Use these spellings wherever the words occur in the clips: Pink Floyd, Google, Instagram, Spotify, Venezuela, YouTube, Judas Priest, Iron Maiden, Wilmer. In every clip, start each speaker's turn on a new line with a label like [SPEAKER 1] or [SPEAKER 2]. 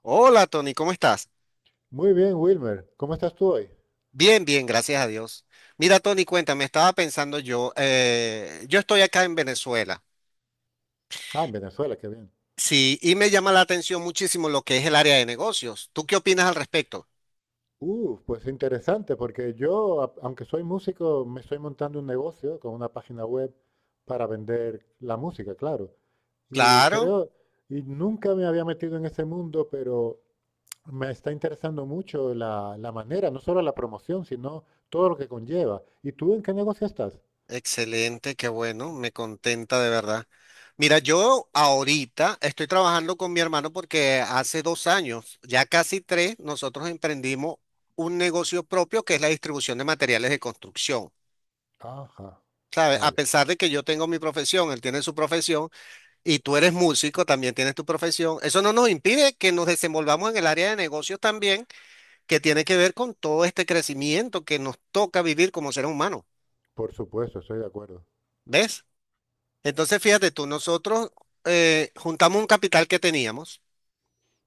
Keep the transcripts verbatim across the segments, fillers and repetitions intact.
[SPEAKER 1] Hola Tony, ¿cómo estás?
[SPEAKER 2] Muy bien, Wilmer. ¿Cómo estás tú hoy?
[SPEAKER 1] Bien, bien, gracias a Dios. Mira Tony, cuéntame, estaba pensando yo, eh, yo estoy acá en Venezuela,
[SPEAKER 2] Ah, en Venezuela, qué bien.
[SPEAKER 1] sí, y me llama la atención muchísimo lo que es el área de negocios. ¿Tú qué opinas al respecto?
[SPEAKER 2] Uh, pues interesante, porque yo, a- aunque soy músico, me estoy montando un negocio con una página web para vender la música, claro. Y
[SPEAKER 1] Claro,
[SPEAKER 2] creo, y nunca me había metido en ese mundo, pero me está interesando mucho la, la manera, no solo la promoción, sino todo lo que conlleva. ¿Y tú en qué negocio estás?
[SPEAKER 1] excelente, qué bueno, me contenta de verdad. Mira, yo ahorita estoy trabajando con mi hermano porque hace dos años, ya casi tres, nosotros emprendimos un negocio propio que es la distribución de materiales de construcción.
[SPEAKER 2] Ajá,
[SPEAKER 1] ¿Sabes? A
[SPEAKER 2] vaya.
[SPEAKER 1] pesar de que yo tengo mi profesión, él tiene su profesión y tú eres músico, también tienes tu profesión, eso no nos impide que nos desenvolvamos en el área de negocios también, que tiene que ver con todo este crecimiento que nos toca vivir como seres humanos,
[SPEAKER 2] Por supuesto, estoy de acuerdo.
[SPEAKER 1] ¿ves? Entonces, fíjate tú, nosotros eh, juntamos un capital que teníamos,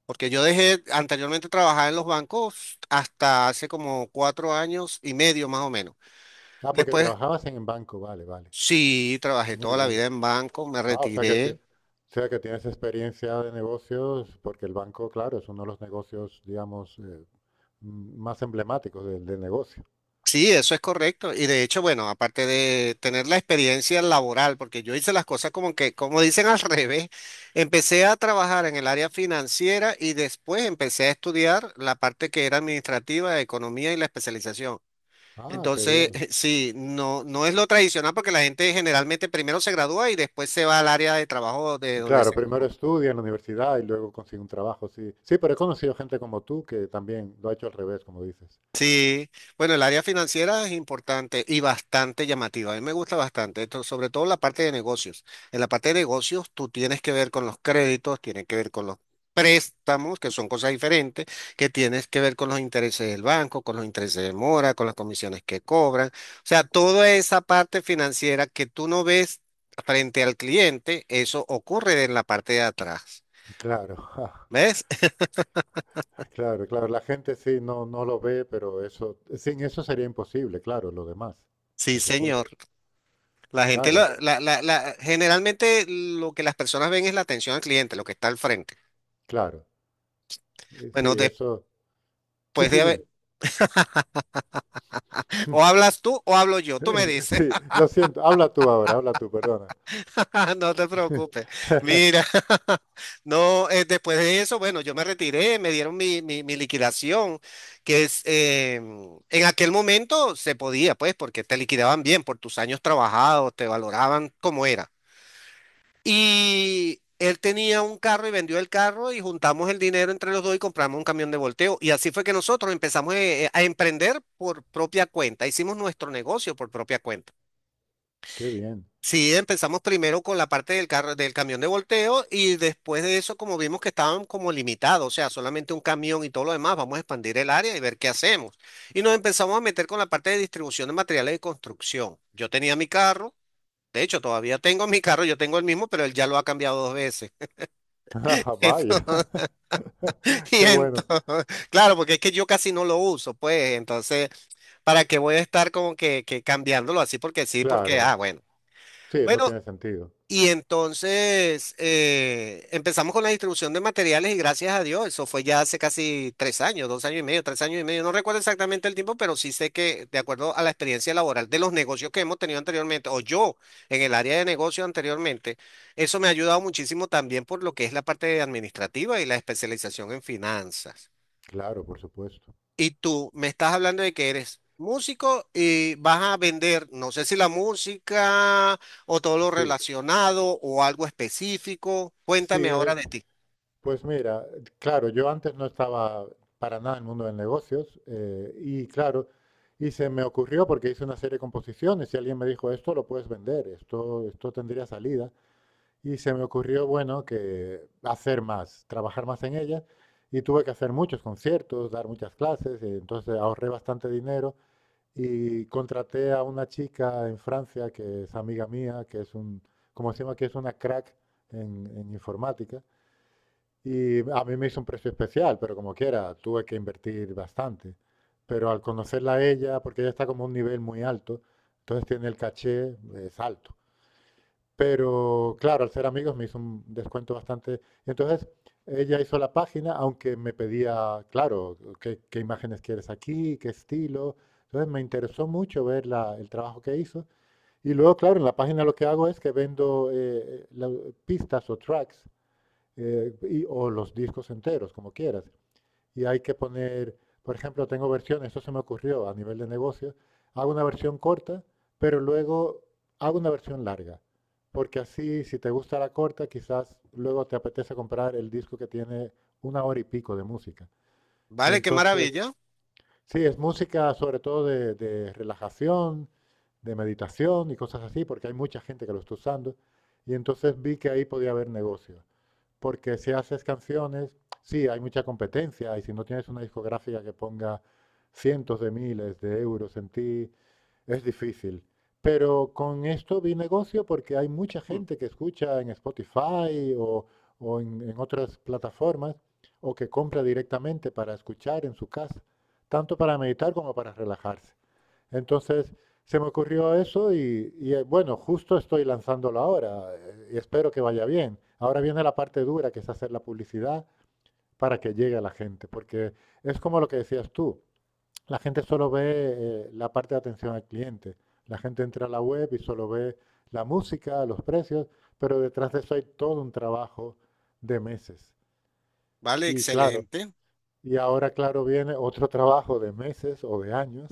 [SPEAKER 1] porque yo dejé anteriormente trabajar en los bancos hasta hace como cuatro años y medio más o menos.
[SPEAKER 2] Ah, porque
[SPEAKER 1] Después,
[SPEAKER 2] trabajabas en el banco, vale, vale.
[SPEAKER 1] sí, trabajé
[SPEAKER 2] Muy
[SPEAKER 1] toda la
[SPEAKER 2] bien.
[SPEAKER 1] vida en bancos, me
[SPEAKER 2] Ah, o sea que, ti- o
[SPEAKER 1] retiré.
[SPEAKER 2] sea que tienes experiencia de negocios, porque el banco, claro, es uno de los negocios, digamos, eh, m- más emblemáticos del, del negocio.
[SPEAKER 1] Sí, eso es correcto. Y de hecho, bueno, aparte de tener la experiencia laboral, porque yo hice las cosas como que, como dicen al revés, empecé a trabajar en el área financiera y después empecé a estudiar la parte que era administrativa, economía y la especialización.
[SPEAKER 2] Ah, qué
[SPEAKER 1] Entonces,
[SPEAKER 2] bien.
[SPEAKER 1] sí, no, no es lo tradicional porque la gente generalmente primero se gradúa y después se va al área de trabajo de donde
[SPEAKER 2] Claro,
[SPEAKER 1] se
[SPEAKER 2] primero
[SPEAKER 1] graduó.
[SPEAKER 2] estudia en la universidad y luego consigue un trabajo, sí. Sí, pero he conocido gente como tú que también lo ha hecho al revés, como dices.
[SPEAKER 1] Sí, bueno, el área financiera es importante y bastante llamativa. A mí me gusta bastante, esto, sobre todo la parte de negocios. En la parte de negocios, tú tienes que ver con los créditos, tienes que ver con los préstamos, que son cosas diferentes, que tienes que ver con los intereses del banco, con los intereses de mora, con las comisiones que cobran. O sea, toda esa parte financiera que tú no ves frente al cliente, eso ocurre en la parte de atrás.
[SPEAKER 2] Claro,
[SPEAKER 1] ¿Ves?
[SPEAKER 2] claro, claro. La gente sí no, no lo ve, pero eso, sin eso sería imposible, claro, lo demás,
[SPEAKER 1] Sí,
[SPEAKER 2] por supuesto.
[SPEAKER 1] señor. La gente,
[SPEAKER 2] Claro,
[SPEAKER 1] la, la- la- la- generalmente lo que las personas ven es la atención al cliente, lo que está al frente.
[SPEAKER 2] claro. Eh, Sí,
[SPEAKER 1] Bueno, después
[SPEAKER 2] eso. Sí, sí,
[SPEAKER 1] de
[SPEAKER 2] dime.
[SPEAKER 1] haber, o hablas tú o hablo yo, tú me
[SPEAKER 2] Eh,
[SPEAKER 1] dices,
[SPEAKER 2] Sí, lo siento. Habla tú ahora, habla tú, perdona.
[SPEAKER 1] no te preocupes. Mira, no, eh, después de eso, bueno, yo me retiré, me dieron mi, mi, mi liquidación, que es, eh, en aquel momento se podía, pues, porque te liquidaban bien por tus años trabajados, te valoraban como era. Y él tenía un carro y vendió el carro y juntamos el dinero entre los dos y compramos un camión de volteo. Y así fue que nosotros empezamos eh, a emprender por propia cuenta. Hicimos nuestro negocio por propia cuenta.
[SPEAKER 2] Qué bien.
[SPEAKER 1] Sí, empezamos primero con la parte del carro, del camión de volteo y después de eso, como vimos que estaban como limitados, o sea, solamente un camión y todo lo demás, vamos a expandir el área y ver qué hacemos. Y nos empezamos a meter con la parte de distribución de materiales de construcción. Yo tenía mi carro, de hecho, todavía tengo mi carro, yo tengo el mismo, pero él ya lo ha cambiado dos veces.
[SPEAKER 2] Ah, vaya.
[SPEAKER 1] y
[SPEAKER 2] Qué bueno.
[SPEAKER 1] entonces- claro, porque es que yo casi no lo uso, pues, entonces, ¿para qué voy a estar como que, que cambiándolo así? Porque sí, porque, ah,
[SPEAKER 2] Claro.
[SPEAKER 1] bueno.
[SPEAKER 2] Sí, no
[SPEAKER 1] Bueno,
[SPEAKER 2] tiene sentido.
[SPEAKER 1] y entonces eh, empezamos con la distribución de materiales y gracias a Dios, eso fue ya hace casi tres años, dos años y medio, tres años y medio, no recuerdo exactamente el tiempo, pero sí sé que de acuerdo a la experiencia laboral de los negocios que hemos tenido anteriormente, o yo en el área de negocio anteriormente, eso me ha ayudado muchísimo también por lo que es la parte administrativa y la especialización en finanzas.
[SPEAKER 2] Claro, por supuesto.
[SPEAKER 1] Y tú me estás hablando de que eres músico y vas a vender, no sé si la música o todo lo
[SPEAKER 2] Sí,
[SPEAKER 1] relacionado o algo específico.
[SPEAKER 2] sí.
[SPEAKER 1] Cuéntame ahora
[SPEAKER 2] Eh,
[SPEAKER 1] de ti.
[SPEAKER 2] pues mira, claro, yo antes no estaba para nada en el mundo de negocios eh, y claro, y se me ocurrió porque hice una serie de composiciones y alguien me dijo, esto lo puedes vender, esto, esto tendría salida. Y se me ocurrió, bueno, que hacer más, trabajar más en ella. Y tuve que hacer muchos conciertos, dar muchas clases, y entonces ahorré bastante dinero y contraté a una chica en Francia que es amiga mía, que es un, como decimos que es una crack en, en informática. Y a mí me hizo un precio especial, pero como quiera, tuve que invertir bastante. Pero al conocerla a ella, porque ella está como a un nivel muy alto, entonces tiene el caché, es alto. Pero claro, al ser amigos me hizo un descuento bastante. Y entonces ella hizo la página, aunque me pedía, claro, qué, qué imágenes quieres aquí, qué estilo. Entonces me interesó mucho ver la- el trabajo que hizo. Y luego, claro, en la página lo que hago es que vendo eh, eh, la- pistas o tracks eh, y- o los discos enteros, como quieras, y hay que poner, por ejemplo, tengo versiones, esto se me ocurrió a nivel de negocio, hago una versión corta, pero luego hago una versión larga, porque así si te gusta la corta, quizás luego te apetece comprar el disco que tiene una hora y pico de música. Y
[SPEAKER 1] Vale, qué
[SPEAKER 2] entonces,
[SPEAKER 1] maravilla.
[SPEAKER 2] sí, es música sobre todo de, de relajación, de meditación y cosas así, porque hay mucha gente que lo está usando, y entonces vi que ahí podía haber negocio porque si haces canciones, sí, hay mucha competencia y si no tienes una discográfica que ponga cientos de miles de euros en ti, es difícil. Pero con esto vi negocio porque hay mucha gente que escucha en Spotify o, o en, en otras plataformas o que compra directamente para escuchar en su casa, tanto para meditar como para relajarse. Entonces se me ocurrió eso y, y, eh, bueno, justo estoy lanzándolo ahora eh, y espero que vaya bien. Ahora viene la parte dura, que es hacer la publicidad para que llegue a la gente, porque es como lo que decías tú, la gente solo ve eh, la parte de atención al cliente, la gente entra a la web y solo ve la música, los precios, pero detrás de eso hay todo un trabajo de meses.
[SPEAKER 1] Vale,
[SPEAKER 2] Y claro,
[SPEAKER 1] excelente.
[SPEAKER 2] y ahora, claro, viene otro trabajo de meses o de años,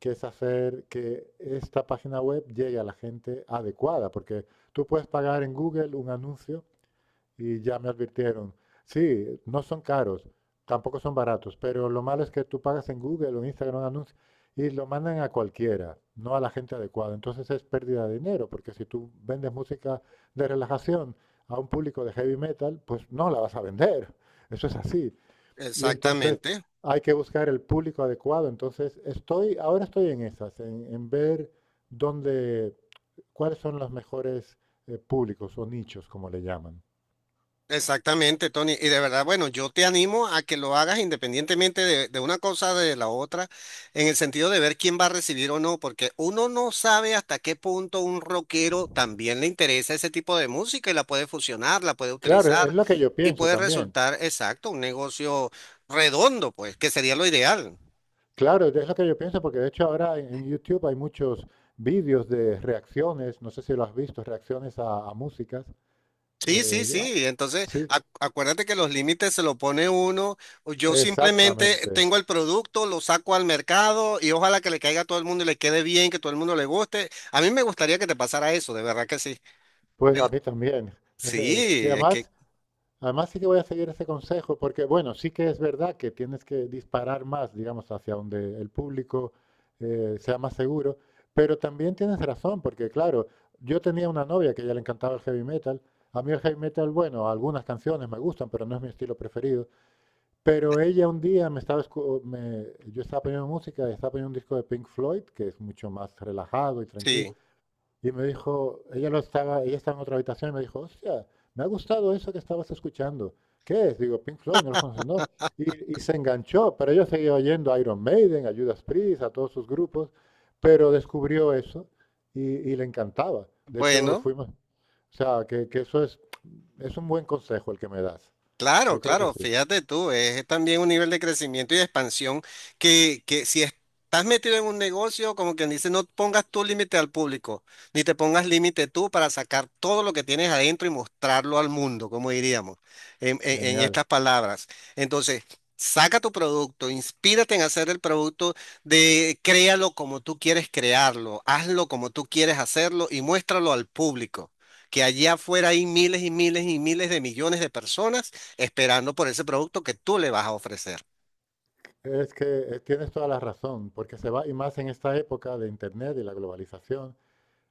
[SPEAKER 2] que es hacer que esta página web llegue a la gente adecuada, porque tú puedes pagar en Google un anuncio y ya me advirtieron, sí, no son caros, tampoco son baratos, pero lo malo es que tú pagas en Google o en Instagram un anuncio y lo mandan a cualquiera, no a la gente adecuada. Entonces es pérdida de dinero, porque si tú vendes música de relajación a un público de heavy metal, pues no la vas a vender. Eso es así. Y entonces
[SPEAKER 1] Exactamente.
[SPEAKER 2] hay que buscar el público adecuado. Entonces estoy, ahora estoy en esas, en, en ver dónde, cuáles son los mejores eh, públicos o nichos, como le llaman.
[SPEAKER 1] Exactamente, Tony. Y de verdad, bueno, yo te animo a que lo hagas independientemente de, de una cosa de la otra, en el sentido de ver quién va a recibir o no, porque uno no sabe hasta qué punto un rockero también le interesa ese tipo de música y la puede fusionar, la puede
[SPEAKER 2] Claro,
[SPEAKER 1] utilizar
[SPEAKER 2] es lo que yo
[SPEAKER 1] y
[SPEAKER 2] pienso
[SPEAKER 1] puede
[SPEAKER 2] también.
[SPEAKER 1] resultar, exacto, un negocio redondo, pues, que sería lo ideal.
[SPEAKER 2] Claro, es lo que yo pienso porque de hecho ahora en, en YouTube hay muchos vídeos de reacciones, no sé si lo has visto, reacciones a, a músicas.
[SPEAKER 1] Sí, sí,
[SPEAKER 2] eh, ah,
[SPEAKER 1] sí. Entonces,
[SPEAKER 2] sí,
[SPEAKER 1] ac- acuérdate que los límites se lo pone uno. O Yo simplemente
[SPEAKER 2] exactamente.
[SPEAKER 1] tengo el producto, lo saco al mercado y ojalá que le caiga a todo el mundo y le quede bien, que todo el mundo le guste. A mí me gustaría que te pasara eso, de verdad que sí.
[SPEAKER 2] Pues
[SPEAKER 1] Me
[SPEAKER 2] a
[SPEAKER 1] gust-
[SPEAKER 2] mí también. Y
[SPEAKER 1] sí, es que
[SPEAKER 2] además además, sí que voy a seguir ese consejo, porque bueno, sí que es verdad que tienes que disparar más, digamos, hacia donde el público eh, sea más seguro, pero también tienes razón, porque claro, yo tenía una novia que a ella le encantaba el heavy metal. A mí el heavy metal, bueno, algunas canciones me gustan, pero no es mi estilo preferido. Pero ella un día me estaba, escu- me- yo estaba poniendo música, estaba poniendo un disco de Pink Floyd, que es mucho más relajado y tranquilo.
[SPEAKER 1] sí.
[SPEAKER 2] Y me dijo, ella lo estaba, ella estaba en otra habitación y me dijo, hostia, me ha gustado eso que estabas escuchando. ¿Qué es? Digo, Pink Floyd, no lo conoces, no. Y, y se enganchó, pero ella seguía oyendo a Iron Maiden, a Judas Priest, a todos sus grupos, pero descubrió eso y, y le encantaba. De hecho,
[SPEAKER 1] Bueno.
[SPEAKER 2] fuimos, o sea, que, que eso es, es un buen consejo el que me das.
[SPEAKER 1] Claro,
[SPEAKER 2] Yo creo que
[SPEAKER 1] claro,
[SPEAKER 2] sí.
[SPEAKER 1] fíjate tú, es también un nivel de crecimiento y de expansión que, que si estás metido en un negocio, como quien dice, no pongas tú límite al público, ni te pongas límite tú para sacar todo lo que tienes adentro y mostrarlo al mundo, como diríamos, en, en- en
[SPEAKER 2] Genial.
[SPEAKER 1] estas palabras. Entonces, saca tu producto, inspírate en hacer el producto de créalo como tú quieres crearlo, hazlo como tú quieres hacerlo y muéstralo al público. Que allá afuera hay miles y miles y miles de millones de personas esperando por ese producto que tú le vas a ofrecer.
[SPEAKER 2] Es que eh, tienes toda la razón, porque se va, y más en esta época de Internet y la globalización,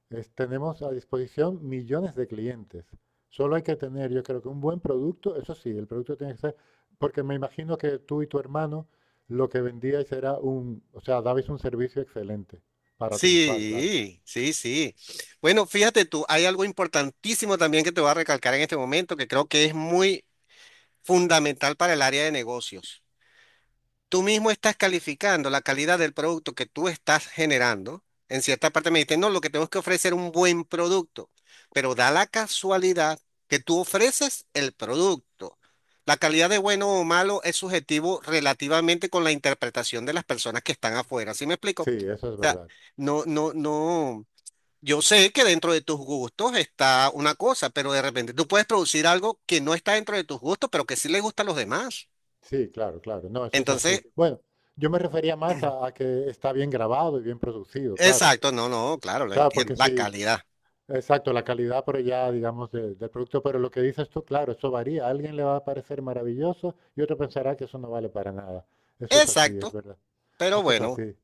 [SPEAKER 2] Es- tenemos a disposición millones de clientes. Solo hay que tener, yo creo que un buen producto, eso sí, el producto tiene que ser, porque me imagino que tú y tu hermano lo que vendíais era un, o sea, dabais un servicio excelente para triunfar, claro.
[SPEAKER 1] Sí, sí, sí. Bueno, fíjate tú, hay algo importantísimo también que te voy a recalcar en este momento que creo que es muy fundamental para el área de negocios. Tú mismo estás calificando la calidad del producto que tú estás generando. En cierta parte me dicen, no, lo que tenemos que ofrecer es un buen producto, pero da la casualidad que tú ofreces el producto. La calidad de bueno o malo es subjetivo relativamente con la interpretación de las personas que están afuera. ¿Sí me explico?
[SPEAKER 2] Sí, eso
[SPEAKER 1] O
[SPEAKER 2] es
[SPEAKER 1] sea,
[SPEAKER 2] verdad.
[SPEAKER 1] no, no, no. Yo sé que dentro de tus gustos está una cosa, pero de repente tú puedes producir algo que no está dentro de tus gustos, pero que sí le gusta a los demás.
[SPEAKER 2] Sí, claro, claro. No, eso es así.
[SPEAKER 1] Entonces,
[SPEAKER 2] Bueno, yo me refería más a, a que está bien grabado y bien producido, claro.
[SPEAKER 1] exacto, no, no, claro, lo
[SPEAKER 2] Claro,
[SPEAKER 1] entiendo.
[SPEAKER 2] porque
[SPEAKER 1] La
[SPEAKER 2] si,
[SPEAKER 1] calidad.
[SPEAKER 2] exacto, la calidad, pero ya, digamos, de- del producto. Pero lo que dices tú, claro, eso varía. A alguien le va a parecer maravilloso y otro pensará que eso no vale para nada. Eso es así, es
[SPEAKER 1] Exacto,
[SPEAKER 2] verdad.
[SPEAKER 1] pero
[SPEAKER 2] Eso es
[SPEAKER 1] bueno,
[SPEAKER 2] así.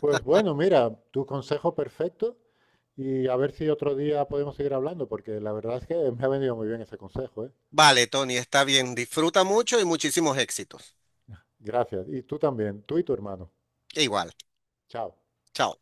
[SPEAKER 2] Pues bueno, mira, tu consejo perfecto y a ver si otro día podemos seguir hablando, porque la verdad es que me ha venido muy bien ese consejo, ¿eh?
[SPEAKER 1] vale, Tony, está bien. Disfruta mucho y muchísimos éxitos.
[SPEAKER 2] Gracias. Y tú también, tú y tu hermano.
[SPEAKER 1] Igual,
[SPEAKER 2] Chao.
[SPEAKER 1] chao.